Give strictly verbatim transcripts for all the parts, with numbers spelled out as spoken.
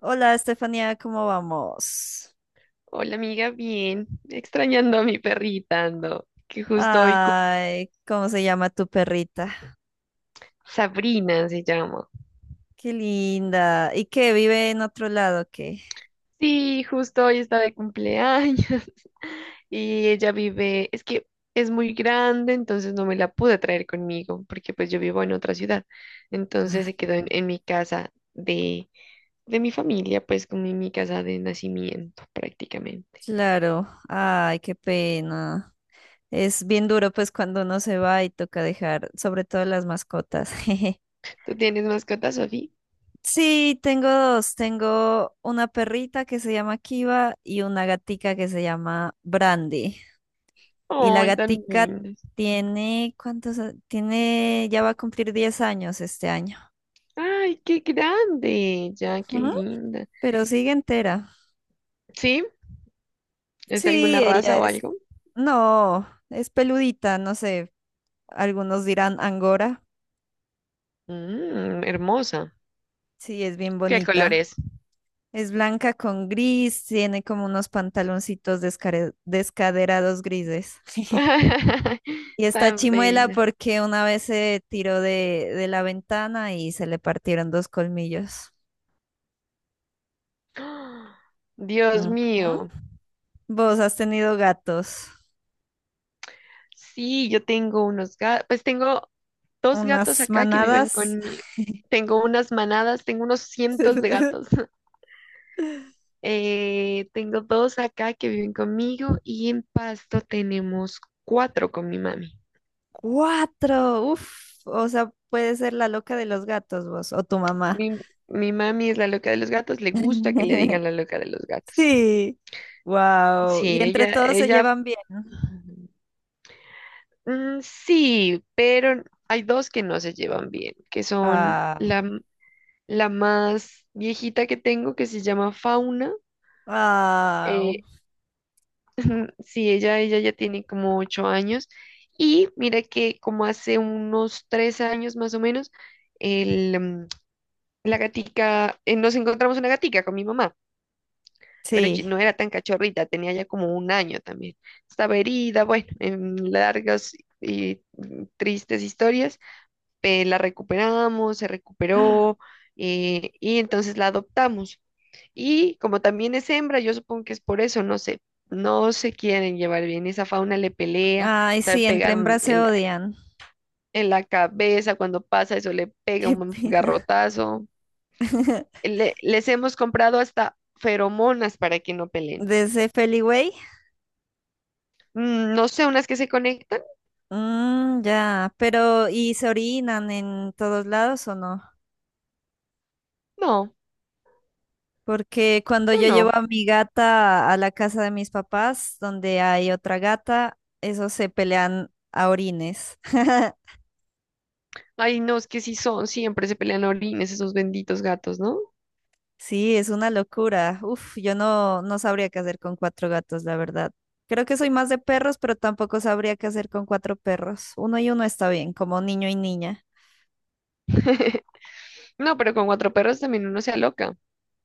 Hola, Estefanía, ¿cómo vamos? Hola amiga, bien. Extrañando a mi perrita ando, que justo hoy cum- Ay, ¿cómo se llama tu perrita? Sabrina se llama. Qué linda. ¿Y qué? ¿Vive en otro lado o qué? Sí, justo hoy está de cumpleaños y ella vive, es que es muy grande, entonces no me la pude traer conmigo porque pues yo vivo en otra ciudad. Entonces se quedó en, en mi casa de, de mi familia, pues como en mi casa de nacimiento prácticamente. Claro. Ay, qué pena. Es bien duro, pues, cuando uno se va y toca dejar, sobre todo las mascotas. ¿Tú tienes mascota, Sofía? Sí, tengo dos. Tengo una perrita que se llama Kiva y una gatica que se llama Brandy. Y la ¡Ay, tan gatica linda! tiene, ¿cuántos? a- Tiene, ya va a cumplir diez años este año, ¡Ay, qué grande! Ya, qué linda. pero sigue entera. Sí. ¿Es de alguna Sí, ella raza o es. algo? No, es peludita, no sé. Algunos dirán angora. Mm, hermosa. Sí, es bien ¿Qué color bonita. es? Es blanca con gris, tiene como unos pantaloncitos descare- descaderados grises. Y está Tan chimuela bella. porque una vez se tiró de, de la ventana y se le partieron dos colmillos. ¡Ah! Dios Ujú. mío. ¿Vos has tenido gatos? Sí, yo tengo unos gatos. Pues tengo dos gatos ¿Unas acá que viven manadas? conmigo. Tengo unas manadas, tengo unos cientos de gatos. Eh, tengo dos acá que viven conmigo y en Pasto tenemos cuatro con mi mami. Cuatro, uf, o sea, puede ser la loca de los gatos vos o tu mamá. Mi, mi mami es la loca de los gatos, le gusta que le digan la loca de los gatos. Sí, wow. Sí, Y entre ella, todos se ella llevan bien. Mm, sí, pero hay dos que no se llevan bien, que son Ah, la, m- la más viejita que tengo, que se llama Fauna. ah, eh, sí, ella, ella ya tiene como ocho años. Y mira que como hace unos tres años más o menos, el, mm, la gatica, eh, nos encontramos una gatica con mi mamá, pero ye- sí. no era tan cachorrita, tenía ya como un año también. Estaba herida, bueno, en largas y mm, tristes historias. Eh, la recuperamos, se recuperó eh, y entonces la adoptamos. Y como también es hembra, yo supongo que es por eso, no sé, no se quieren llevar bien. Esa Fauna le pelea, Ay, sabe sí, entre pegar un- hembras se en, la odian. en la cabeza cuando pasa eso, le pega Qué un pena. garrotazo. Le- les hemos comprado hasta feromonas para que no peleen. Desde Feliway. Mm, no sé, unas que se conectan. Mm, ya, pero ¿y se orinan en todos lados o no? No, Porque cuando no, yo llevo no. a mi gata a la casa de mis papás, donde hay otra gata, esos se pelean a orines. Ay, no, es que sí son, siempre se pelean a orines esos benditos gatos, ¿no? Sí, es una locura. Uf, yo no, no sabría qué hacer con cuatro gatos, la verdad. Creo que soy más de perros, pero tampoco sabría qué hacer con cuatro perros. Uno y uno está bien, como niño y niña. No, pero con cuatro perros también uno se aloca.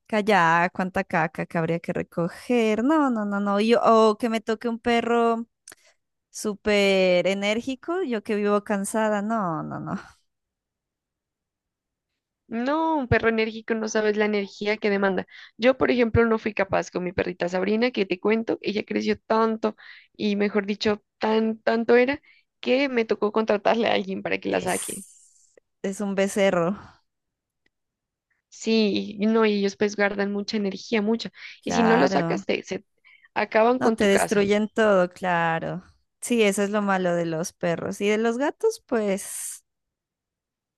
Calla, cuánta caca que habría que recoger. No, no, no, no. Yo, o que me toque un perro súper enérgico, yo que vivo cansada. No, no, no. No, un perro enérgico no sabes la energía que demanda. Yo, por ejemplo, no fui capaz con mi perrita Sabrina, que te cuento, ella creció tanto y, mejor dicho, tan, tanto era que me tocó contratarle a alguien para que la saque. Es, es un becerro, Sí, y no, y ellos pues guardan mucha energía, mucha. Y si no lo claro. sacas, te, se acaban No, con te tu casa. destruyen todo, claro. Sí, eso es lo malo de los perros. Y de los gatos, pues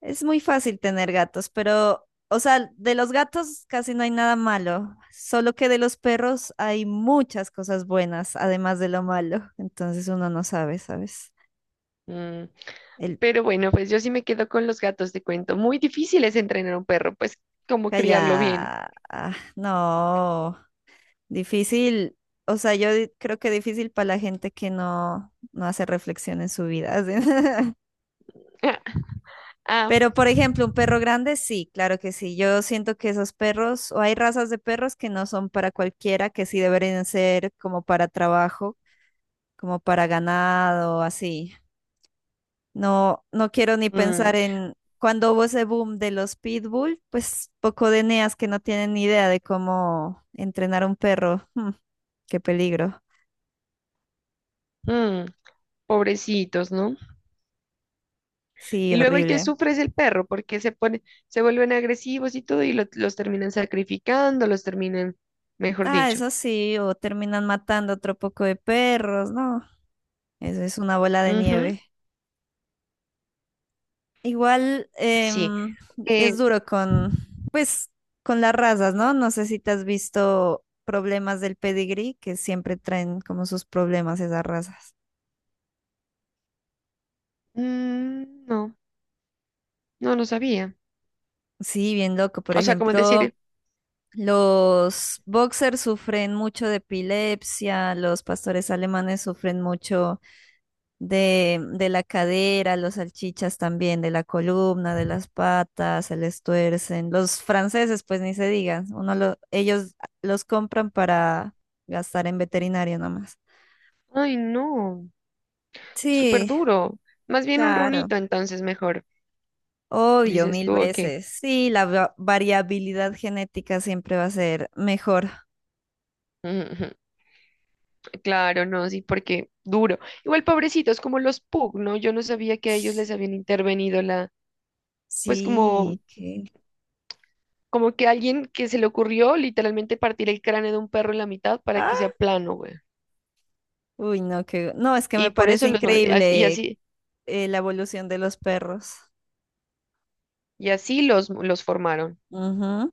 es muy fácil tener gatos, pero, o sea, de los gatos casi no hay nada malo, solo que de los perros hay muchas cosas buenas, además de lo malo. Entonces uno no sabe, ¿sabes? Mm, El... Pero bueno, pues yo sí me quedo con los gatos, te cuento. Muy difícil es entrenar a un perro, pues como criarlo bien. Calla, ah, no. Difícil, o sea, yo di- creo que difícil para la gente que no, no hace reflexión en su vida, así. Ah, Pero, por ejemplo, un perro grande, sí, claro que sí. Yo siento que esos perros, o hay razas de perros que no son para cualquiera, que sí deberían ser como para trabajo, como para ganado, así. No, no quiero ni pensar mm, en cuando hubo ese boom de los pitbull, pues poco de neas que no tienen ni idea de cómo entrenar a un perro. Mm, qué peligro. mm. Pobrecitos, ¿no? Sí, Y luego el que horrible. sufre es el perro, porque se pone, se vuelven agresivos y todo, y lo- los terminan sacrificando, los terminan, mejor Ah, dicho. eso sí, o terminan matando otro poco de perros, ¿no? Eso es una bola de Ujú, nieve. Igual sí. em, Eh, es duro con, pues, con las razas, ¿no? No sé si te has visto problemas del pedigrí, que siempre traen como sus problemas esas razas. mm, no, no lo sabía. Sí, bien loco. Por O sea, como ejemplo, decir, los boxers sufren mucho de epilepsia, los pastores alemanes sufren mucho de, de la cadera, los salchichas también, de la columna, de las patas, se les tuercen. Los franceses, pues ni se digan, uno lo, ellos los compran para gastar en veterinario nomás. ay, no, súper Sí, duro. Más bien un claro. runito, entonces mejor. Obvio, Dices mil tú, ok. veces. Sí, la va- variabilidad genética siempre va a ser mejor. Ujú, claro, no, sí, porque duro. Igual pobrecitos, como los pug, ¿no? Yo no sabía que a ellos les habían intervenido la, pues como Sí, que... como que alguien que se le ocurrió literalmente partir el cráneo de un perro en la mitad para que sea Ah, plano, güey. uy, no, que... No, es que me Y por eso parece los, mo- as- y increíble así, eh, la evolución de los perros. y así los, los formaron. Ujú.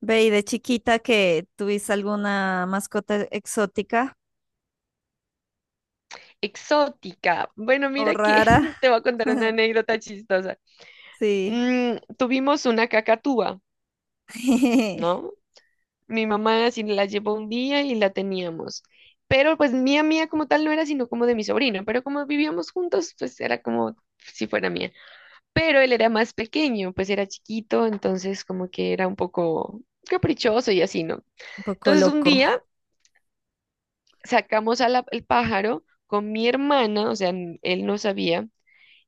Ve, ¿y de chiquita que tuviste alguna mascota exótica Exótica. Bueno, o mira que rara? te voy a contar una anécdota chistosa. Sí, Mm, tuvimos una cacatúa, ¿no? Mi mamá así la llevó un día y la teníamos. Pero pues mía, mía como tal no era, sino como de mi sobrino. Pero como vivíamos juntos, pues era como si fuera mía. Pero él era más pequeño, pues era chiquito, entonces como que era un poco caprichoso y así, ¿no? un poco Entonces un loco. día sacamos al el pájaro con mi hermana, o sea, n- él no sabía,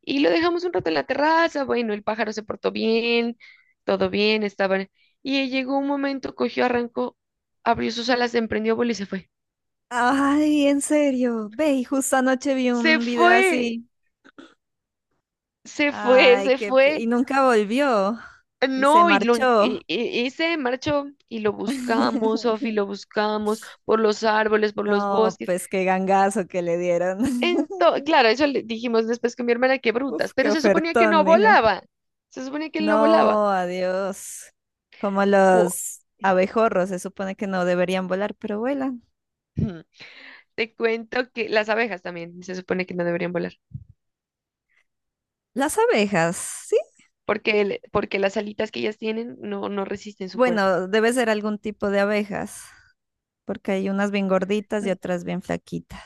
y lo dejamos un rato en la terraza, bueno, el pájaro se portó bien, todo bien, estaba... Y llegó un momento, cogió, arrancó, abrió sus alas, emprendió vuelo y se fue. Ay, en serio. Ve, y justo anoche vi Se un video fue, así. se fue, Ay, se qué... pe- fue. Y nunca volvió. Y se No, y lo en- marchó. e- e- ese marchó y lo buscamos, Sofi, lo buscamos por los árboles, por los No, bosques. pues qué gangazo que le dieron. Ento- claro, eso le dijimos después con mi hermana, que Uf, brutas, qué pero se suponía que ofertón, no dijo. volaba. Se suponía que él no volaba. No, adiós. Como Cu- los abejorros, se supone que no deberían volar, pero vuelan. Ujú. Te cuento que las abejas también se supone que no deberían volar, Las abejas, sí. porque, el- porque las alitas que ellas tienen no, no resisten su cuerpo. Bueno, debe ser algún tipo de abejas, porque hay unas bien gorditas y N- otras bien flaquitas.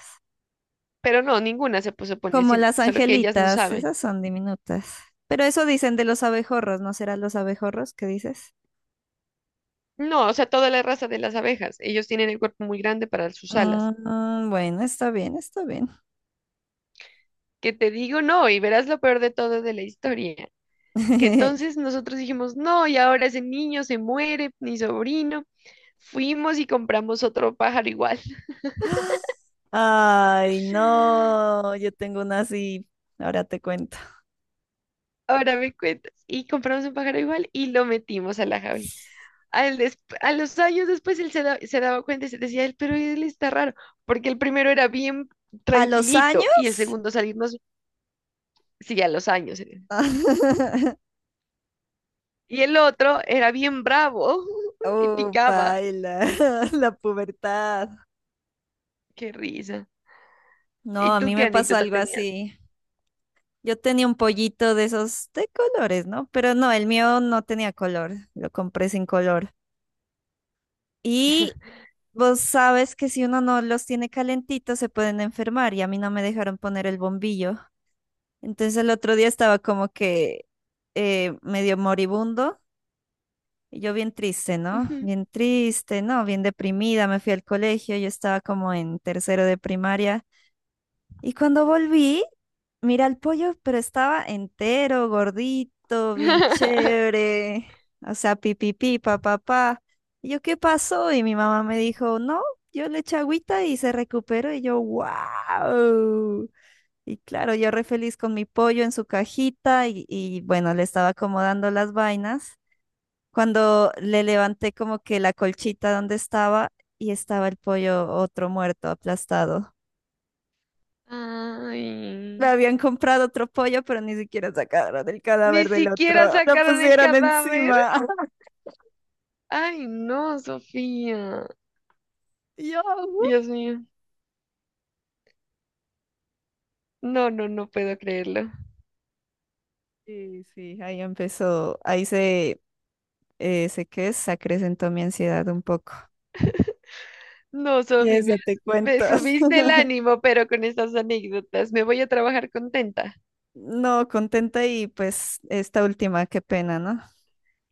Pero no, ninguna se pu- supone Como así, las solo que ellas no angelitas, saben. esas son diminutas. Pero eso dicen de los abejorros, ¿no serán los abejorros que dices? No, o sea, toda la raza de las abejas, ellos tienen el cuerpo muy grande para sus alas. Mm, bueno, está bien, está bien. Que te digo no, y verás lo peor de todo de la historia, que entonces nosotros dijimos no, y ahora ese niño se muere, mi sobrino, fuimos y compramos otro pájaro igual, Ay, no, yo tengo una así. Ahora te cuento. ahora me cuentas, y compramos un pájaro igual y lo metimos a la jaula. Al des- a los años después él se, da- se daba cuenta y se decía, él, pero él está raro, porque el primero era bien ¿A los tranquilito y el años? segundo salirnos, sí, a los años. eh. Y el otro era bien bravo y Oh, picaba. paila, la pubertad. Qué risa. ¿Y No, a tú mí qué me pasó anécdota algo tenías? así. Yo tenía un pollito de esos de colores, ¿no? Pero no, el mío no tenía color, lo compré sin color. Y vos sabes que si uno no los tiene calentitos se pueden enfermar y a mí no me dejaron poner el bombillo. Entonces el otro día estaba como que eh, medio moribundo y yo bien triste, ¿no? Ujú. Bien triste, ¿no? Bien deprimida, me fui al colegio, yo estaba como en tercero de primaria. Y cuando volví, mira el pollo, pero estaba entero, gordito, bien chévere. O sea, pipipi, papá, papá. Y yo, ¿qué pasó? Y mi mamá me dijo, no, yo le eché agüita y se recuperó. Y yo, wow. Y claro, yo re feliz con mi pollo en su cajita y, y bueno, le estaba acomodando las vainas. Cuando le levanté como que la colchita donde estaba y estaba el pollo otro muerto, aplastado. Me Ay, habían comprado otro pollo, pero ni siquiera sacaron el ni cadáver del siquiera otro. Lo sacaron el pusieron cadáver. encima. Ay, no, Sofía. Y yo, "What?". Dios mío. No, no, no puedo creerlo. Y sí, ahí empezó, ahí se, eh, sé que se acrecentó mi ansiedad un poco. No, Y Sofía, me, eso te me cuento. subiste el ánimo, pero con estas anécdotas me voy a trabajar contenta. No, contenta y pues esta última, qué pena, ¿no?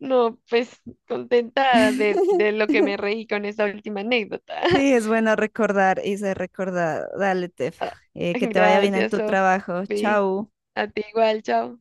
No, pues contenta de, de lo que me reí con esta última anécdota. Sí, es bueno recordar, y se recordar. Dale, Tefa. Eh, que te vaya bien en Gracias, tu trabajo. Sofía. Chau. A ti igual, chao.